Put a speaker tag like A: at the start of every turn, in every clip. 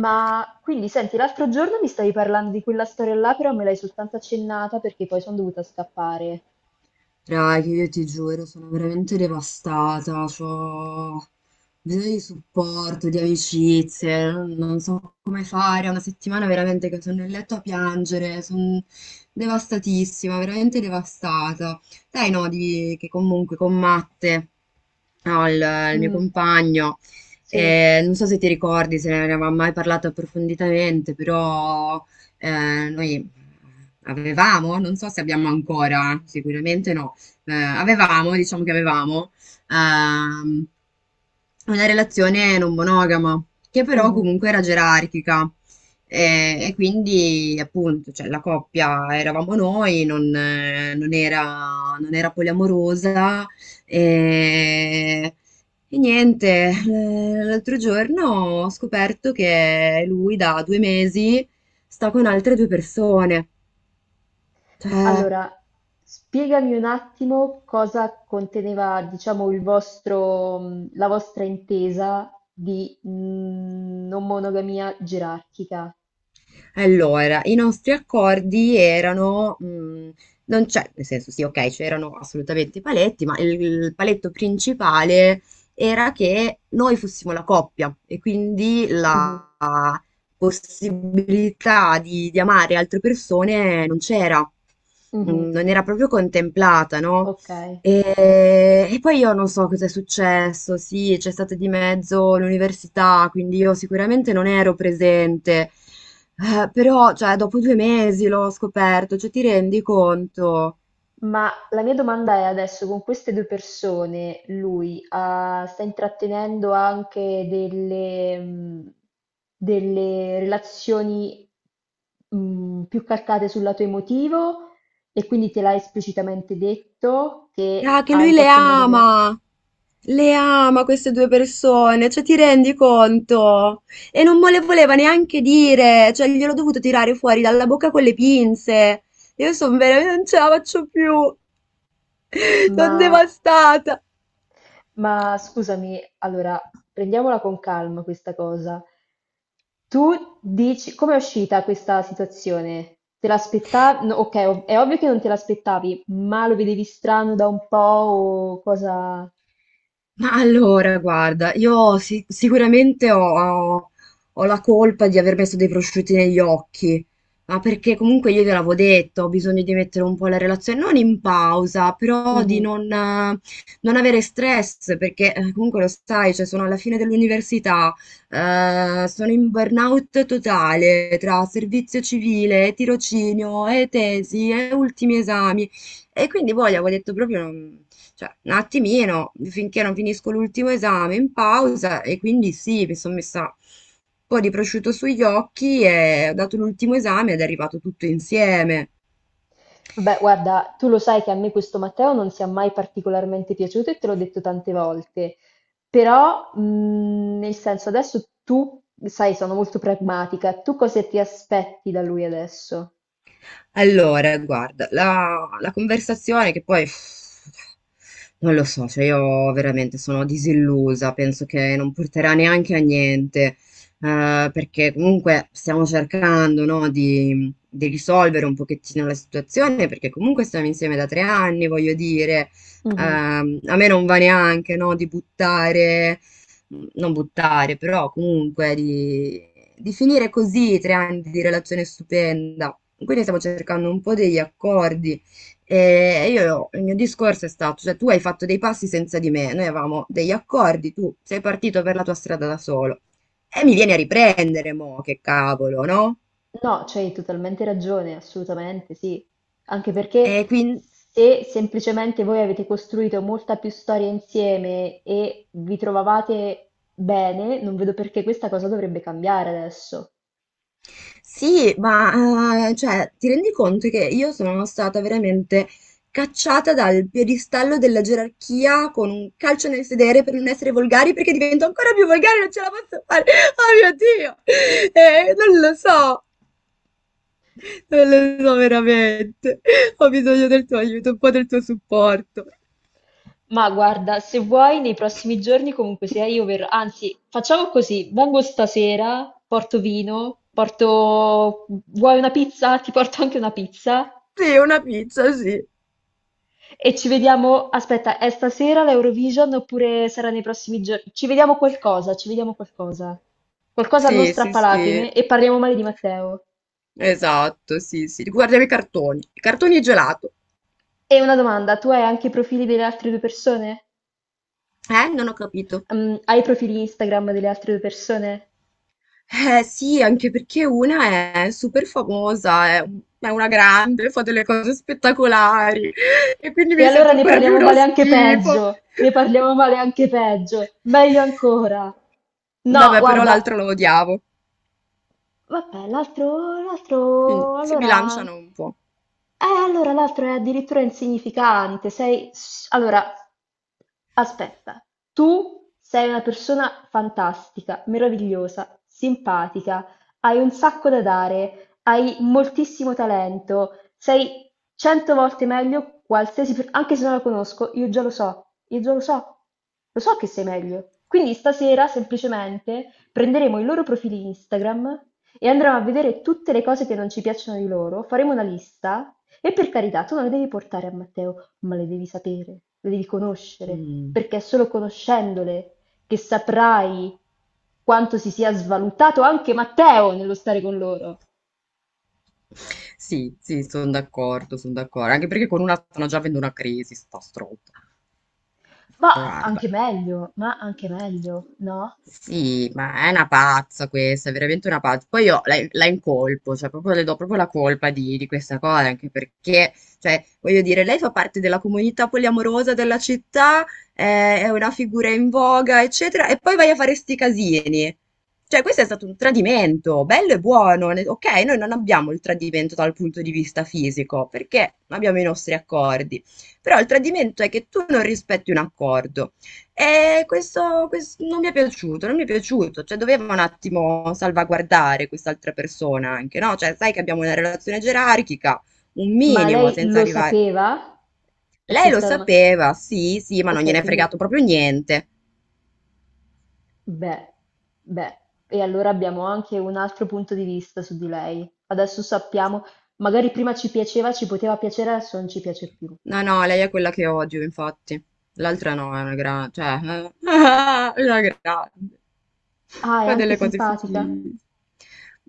A: Ma quindi senti, l'altro giorno mi stavi parlando di quella storia là, però me l'hai soltanto accennata perché poi sono dovuta scappare.
B: Raga, io ti giuro, sono veramente devastata, ho bisogno di supporto, di amicizie, non so come fare, è una settimana veramente che sono nel letto a piangere, sono devastatissima, veramente devastata. Dai, no, di, che comunque con Matte, no, il mio
A: Mm,
B: compagno,
A: sì.
B: non so se ti ricordi, se ne avevamo mai parlato approfonditamente, però noi avevamo, non so se abbiamo ancora, sicuramente no avevamo, diciamo che avevamo, ehm, una relazione non monogama, che però
A: Mhm.
B: comunque era gerarchica. E quindi, appunto, cioè, la coppia eravamo noi, non era, non era poliamorosa. E, e niente, l'altro giorno ho scoperto che lui da 2 mesi sta con altre due persone. Cioè,
A: Allora, spiegami un attimo cosa conteneva, diciamo, il vostro, la vostra intesa di non monogamia gerarchica.
B: allora, i nostri accordi erano, non c'è nel senso sì, okay, c'erano assolutamente i paletti, ma il paletto principale era che noi fossimo la coppia e quindi
A: Mhm,
B: la possibilità di amare altre persone non c'era.
A: mhm.
B: Non era proprio contemplata, no,
A: Ok.
B: e poi io non so cosa è successo, sì, c'è stata di mezzo l'università, quindi io sicuramente non ero presente. Però cioè, dopo 2 mesi l'ho scoperto, cioè ti rendi conto?
A: Ma la mia domanda è adesso, con queste due persone, lui sta intrattenendo anche delle, delle relazioni più calcate sul lato emotivo e quindi te l'ha esplicitamente detto che
B: Ah, che
A: ha
B: lui
A: in qualche modo violato.
B: le ama queste due persone, cioè ti rendi conto? E non me le voleva neanche dire, cioè gliel'ho dovuto tirare fuori dalla bocca con le pinze, io sono veramente, non ce la faccio più. Son
A: Ma,
B: devastata!
A: ma scusami, allora prendiamola con calma questa cosa. Tu dici, com'è uscita questa situazione? Te l'aspettavi? Ok, è ovvio che non te l'aspettavi, ma lo vedevi strano da un po' o cosa.
B: Ma allora, guarda, io sicuramente ho la colpa di aver messo dei prosciutti negli occhi, ma perché comunque io te l'avevo detto, ho bisogno di mettere un po' la relazione, non in pausa, però di
A: Mhm.
B: non, non avere stress, perché comunque lo sai, cioè, sono alla fine dell'università, sono in burnout totale tra servizio civile, tirocinio, e tesi, e ultimi esami, e quindi poi avevo detto proprio... non- cioè, un attimino, finché non finisco l'ultimo esame in pausa e quindi sì, mi sono messa un po' di prosciutto sugli occhi e ho dato l'ultimo esame ed è arrivato tutto insieme.
A: Vabbè, guarda, tu lo sai che a me questo Matteo non sia mai particolarmente piaciuto e te l'ho detto tante volte, però nel senso adesso tu, sai, sono molto pragmatica, tu cosa ti aspetti da lui adesso?
B: Allora, guarda, la conversazione che poi... Non lo so, cioè io veramente sono disillusa, penso che non porterà neanche a niente, perché comunque stiamo cercando, no, di risolvere un pochettino la situazione, perché comunque stiamo insieme da 3 anni, voglio dire, a me non va neanche, no, di buttare, non buttare, però comunque di finire così 3 anni di relazione stupenda. Quindi stiamo cercando un po' degli accordi. E io, il mio discorso è stato, cioè tu hai fatto dei passi senza di me, noi avevamo degli accordi, tu sei partito per la tua strada da solo. E mi vieni a riprendere, mo, che cavolo, no?
A: No, c'hai totalmente ragione, assolutamente sì. Anche
B: E
A: perché
B: quindi,
A: se semplicemente voi avete costruito molta più storia insieme e vi trovavate bene, non vedo perché questa cosa dovrebbe cambiare adesso.
B: sì, ma, cioè, ti rendi conto che io sono stata veramente cacciata dal piedistallo della gerarchia con un calcio nel sedere per non essere volgari, perché divento ancora più volgare, non ce la posso fare. Oh mio Dio! Non lo so. Non lo so veramente. Ho bisogno del tuo aiuto, un po' del tuo supporto.
A: Ma guarda, se vuoi, nei prossimi giorni comunque sia io verrò, anzi, facciamo così, vengo stasera, porto vino, porto, vuoi una pizza? Ti porto anche una pizza.
B: Sì, una pizza, sì.
A: E ci vediamo, aspetta, è stasera l'Eurovision oppure sarà nei prossimi giorni? Ci vediamo qualcosa, ci vediamo qualcosa. Qualcosa non
B: Sì, sì, sì.
A: strappalacrime e parliamo male di Matteo.
B: Esatto, sì, sì. Guardiamo i cartoni. I cartoni e gelato.
A: E una domanda, tu hai anche i profili delle altre due persone?
B: Non ho capito.
A: Mm, hai i profili Instagram delle altre due persone?
B: Sì, anche perché una è super famosa, è una grande, fa delle cose spettacolari e quindi
A: E
B: mi
A: allora
B: sento
A: ne
B: ancora più
A: parliamo
B: uno
A: male anche
B: schifo.
A: peggio, ne parliamo male anche peggio, meglio ancora. No,
B: Vabbè, però l'altra
A: guarda.
B: lo odiavo.
A: Vabbè,
B: Quindi
A: l'altro,
B: si
A: allora.
B: bilanciano un po'.
A: Allora l'altro è addirittura insignificante. Sei... Allora, aspetta. Tu sei una persona fantastica, meravigliosa, simpatica, hai un sacco da dare, hai moltissimo talento, sei cento volte meglio qualsiasi... Anche se non la conosco, io già lo so, io già lo so che sei meglio. Quindi stasera semplicemente prenderemo i loro profili Instagram e andremo a vedere tutte le cose che non ci piacciono di loro, faremo una lista e per carità, tu non le devi portare a Matteo, ma le devi sapere, le devi conoscere,
B: Mm.
A: perché è solo conoscendole che saprai quanto si sia svalutato anche Matteo nello stare con loro.
B: Sì, sì, sono d'accordo, sono d'accordo. Anche perché con una stanno già avendo una crisi, sta stroppa. Guarda.
A: Ma anche meglio, no?
B: Sì, ma è una pazza questa, è veramente una pazza. Poi io la incolpo, cioè proprio le do proprio la colpa di questa cosa, anche perché, cioè, voglio dire, lei fa parte della comunità poliamorosa della città, è una figura in voga, eccetera, e poi vai a fare sti casini. Cioè, questo è stato un tradimento, bello e buono. Ok, noi non abbiamo il tradimento dal punto di vista fisico, perché abbiamo i nostri accordi. Però il tradimento è che tu non rispetti un accordo. E questo, non mi è piaciuto, non mi è piaciuto, cioè doveva un attimo salvaguardare quest'altra persona anche, no? Cioè sai che abbiamo una relazione gerarchica, un
A: Ma
B: minimo,
A: lei
B: senza
A: lo
B: arrivare...
A: sapeva? E
B: Lei lo
A: questa è la domanda.
B: sapeva, sì, sì, ma non
A: Ok,
B: gliene è fregato
A: quindi.
B: proprio niente.
A: Beh, beh, e allora abbiamo anche un altro punto di vista su di lei. Adesso sappiamo, magari prima ci piaceva, ci poteva piacere, adesso non ci piace più.
B: No, no, lei è quella che odio, infatti. L'altra no, è una grande, cioè, è una grande.
A: Ah, è
B: Fa
A: anche
B: delle cose
A: simpatica?
B: fichi.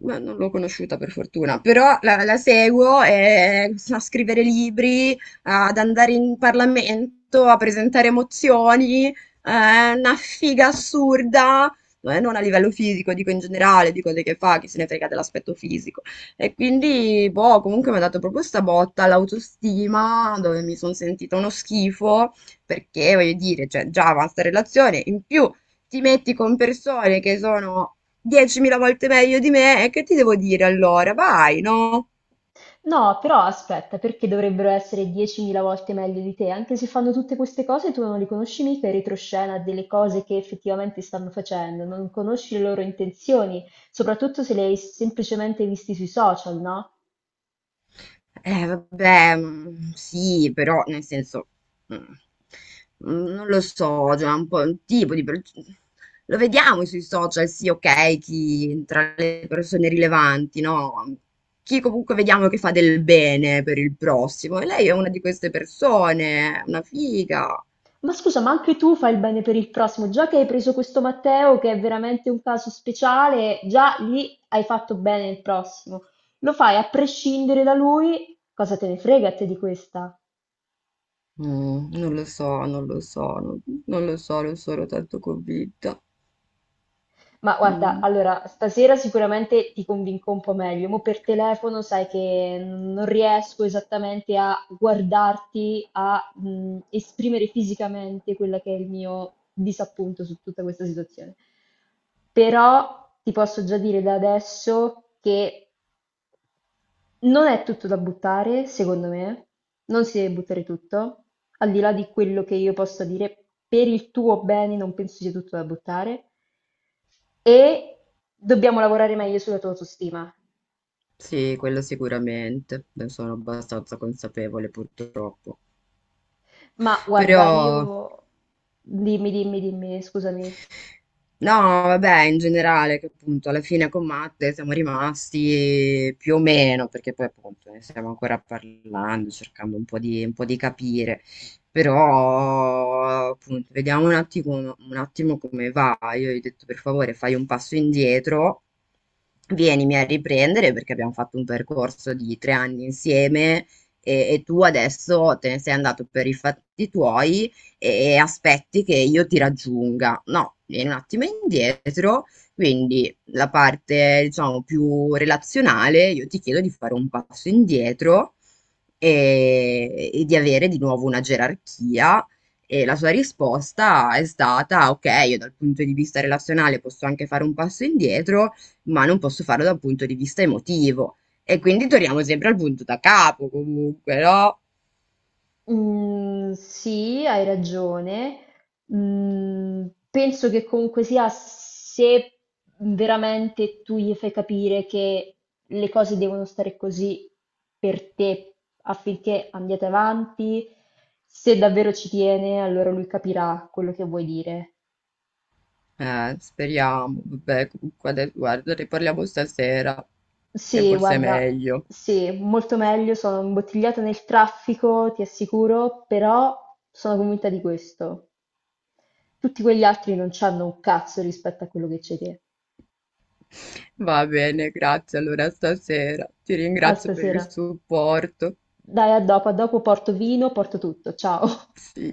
B: Ma non l'ho conosciuta per fortuna, però la seguo a scrivere libri, ad andare in Parlamento, a presentare mozioni, una figa assurda, non a livello fisico, dico in generale, di cose che fa, chi se ne frega dell'aspetto fisico. E quindi, boh, comunque mi ha dato proprio sta botta all'autostima, dove mi sono sentita uno schifo, perché voglio dire, cioè, già avanza relazione, in più ti metti con persone che sono 10.000 volte meglio di me e che ti devo dire allora? Vai, no?
A: No, però aspetta, perché dovrebbero essere 10.000 volte meglio di te? Anche se fanno tutte queste cose, tu non li conosci mica in retroscena delle cose che effettivamente stanno facendo, non conosci le loro intenzioni, soprattutto se le hai semplicemente visti sui social, no?
B: Vabbè, sì, però nel senso, mm, non lo so, cioè è un po' un tipo di... per- Lo vediamo sui social, sì, ok, chi tra le persone rilevanti, no? Chi comunque vediamo che fa del bene per il prossimo. E lei è una di queste persone, una figa.
A: Ma scusa, ma anche tu fai il bene per il prossimo, già che hai preso questo Matteo, che è veramente un caso speciale, già lì hai fatto bene il prossimo. Lo fai a prescindere da lui, cosa te ne frega a te di questa?
B: Mm, non lo so, non lo so, non lo so, non sono tanto convinta.
A: Ma guarda,
B: Mm,
A: allora, stasera sicuramente ti convinco un po' meglio. Mo' per telefono sai che non riesco esattamente a guardarti, a esprimere fisicamente quello che è il mio disappunto su tutta questa situazione. Però ti posso già dire da adesso che non è tutto da buttare, secondo me, non si deve buttare tutto, al di là di quello che io possa dire, per il tuo bene non penso sia tutto da buttare e dobbiamo lavorare meglio sulla tua autostima.
B: sì, quello sicuramente, ne sono abbastanza consapevole purtroppo.
A: Ma
B: Però
A: guarda, io... Dimmi, scusami.
B: no, vabbè, in generale, che appunto alla fine con Matte siamo rimasti più o meno, perché poi appunto ne stiamo ancora parlando, cercando un po' di capire, però appunto vediamo un attimo come va. Io gli ho detto per favore fai un passo indietro, vienimi a riprendere perché abbiamo fatto un percorso di 3 anni insieme e tu adesso te ne sei andato per i fatti tuoi e aspetti che io ti raggiunga. No, vieni un attimo indietro, quindi la parte, diciamo, più relazionale, io ti chiedo di fare un passo indietro e di avere di nuovo una gerarchia. E la sua risposta è stata: ok, io dal punto di vista relazionale posso anche fare un passo indietro, ma non posso farlo dal punto di vista emotivo. E quindi torniamo sempre al punto da capo, comunque, no?
A: Mm, sì, hai ragione. Mm, penso che comunque sia se veramente tu gli fai capire che le cose devono stare così per te affinché andiate avanti, se davvero ci tiene, allora lui capirà quello che vuoi dire.
B: Speriamo, vabbè, comunque adesso, guarda, ne parliamo stasera, che
A: Sì,
B: forse è
A: guarda,
B: meglio.
A: sì, molto meglio, sono imbottigliata nel traffico, ti assicuro, però sono convinta di questo. Tutti quegli altri non c'hanno un cazzo rispetto a quello che c'hai te.
B: Va bene, grazie allora stasera. Ti
A: Ah
B: ringrazio per il
A: stasera?
B: supporto.
A: Dai a dopo porto vino, porto tutto, ciao.
B: Sì.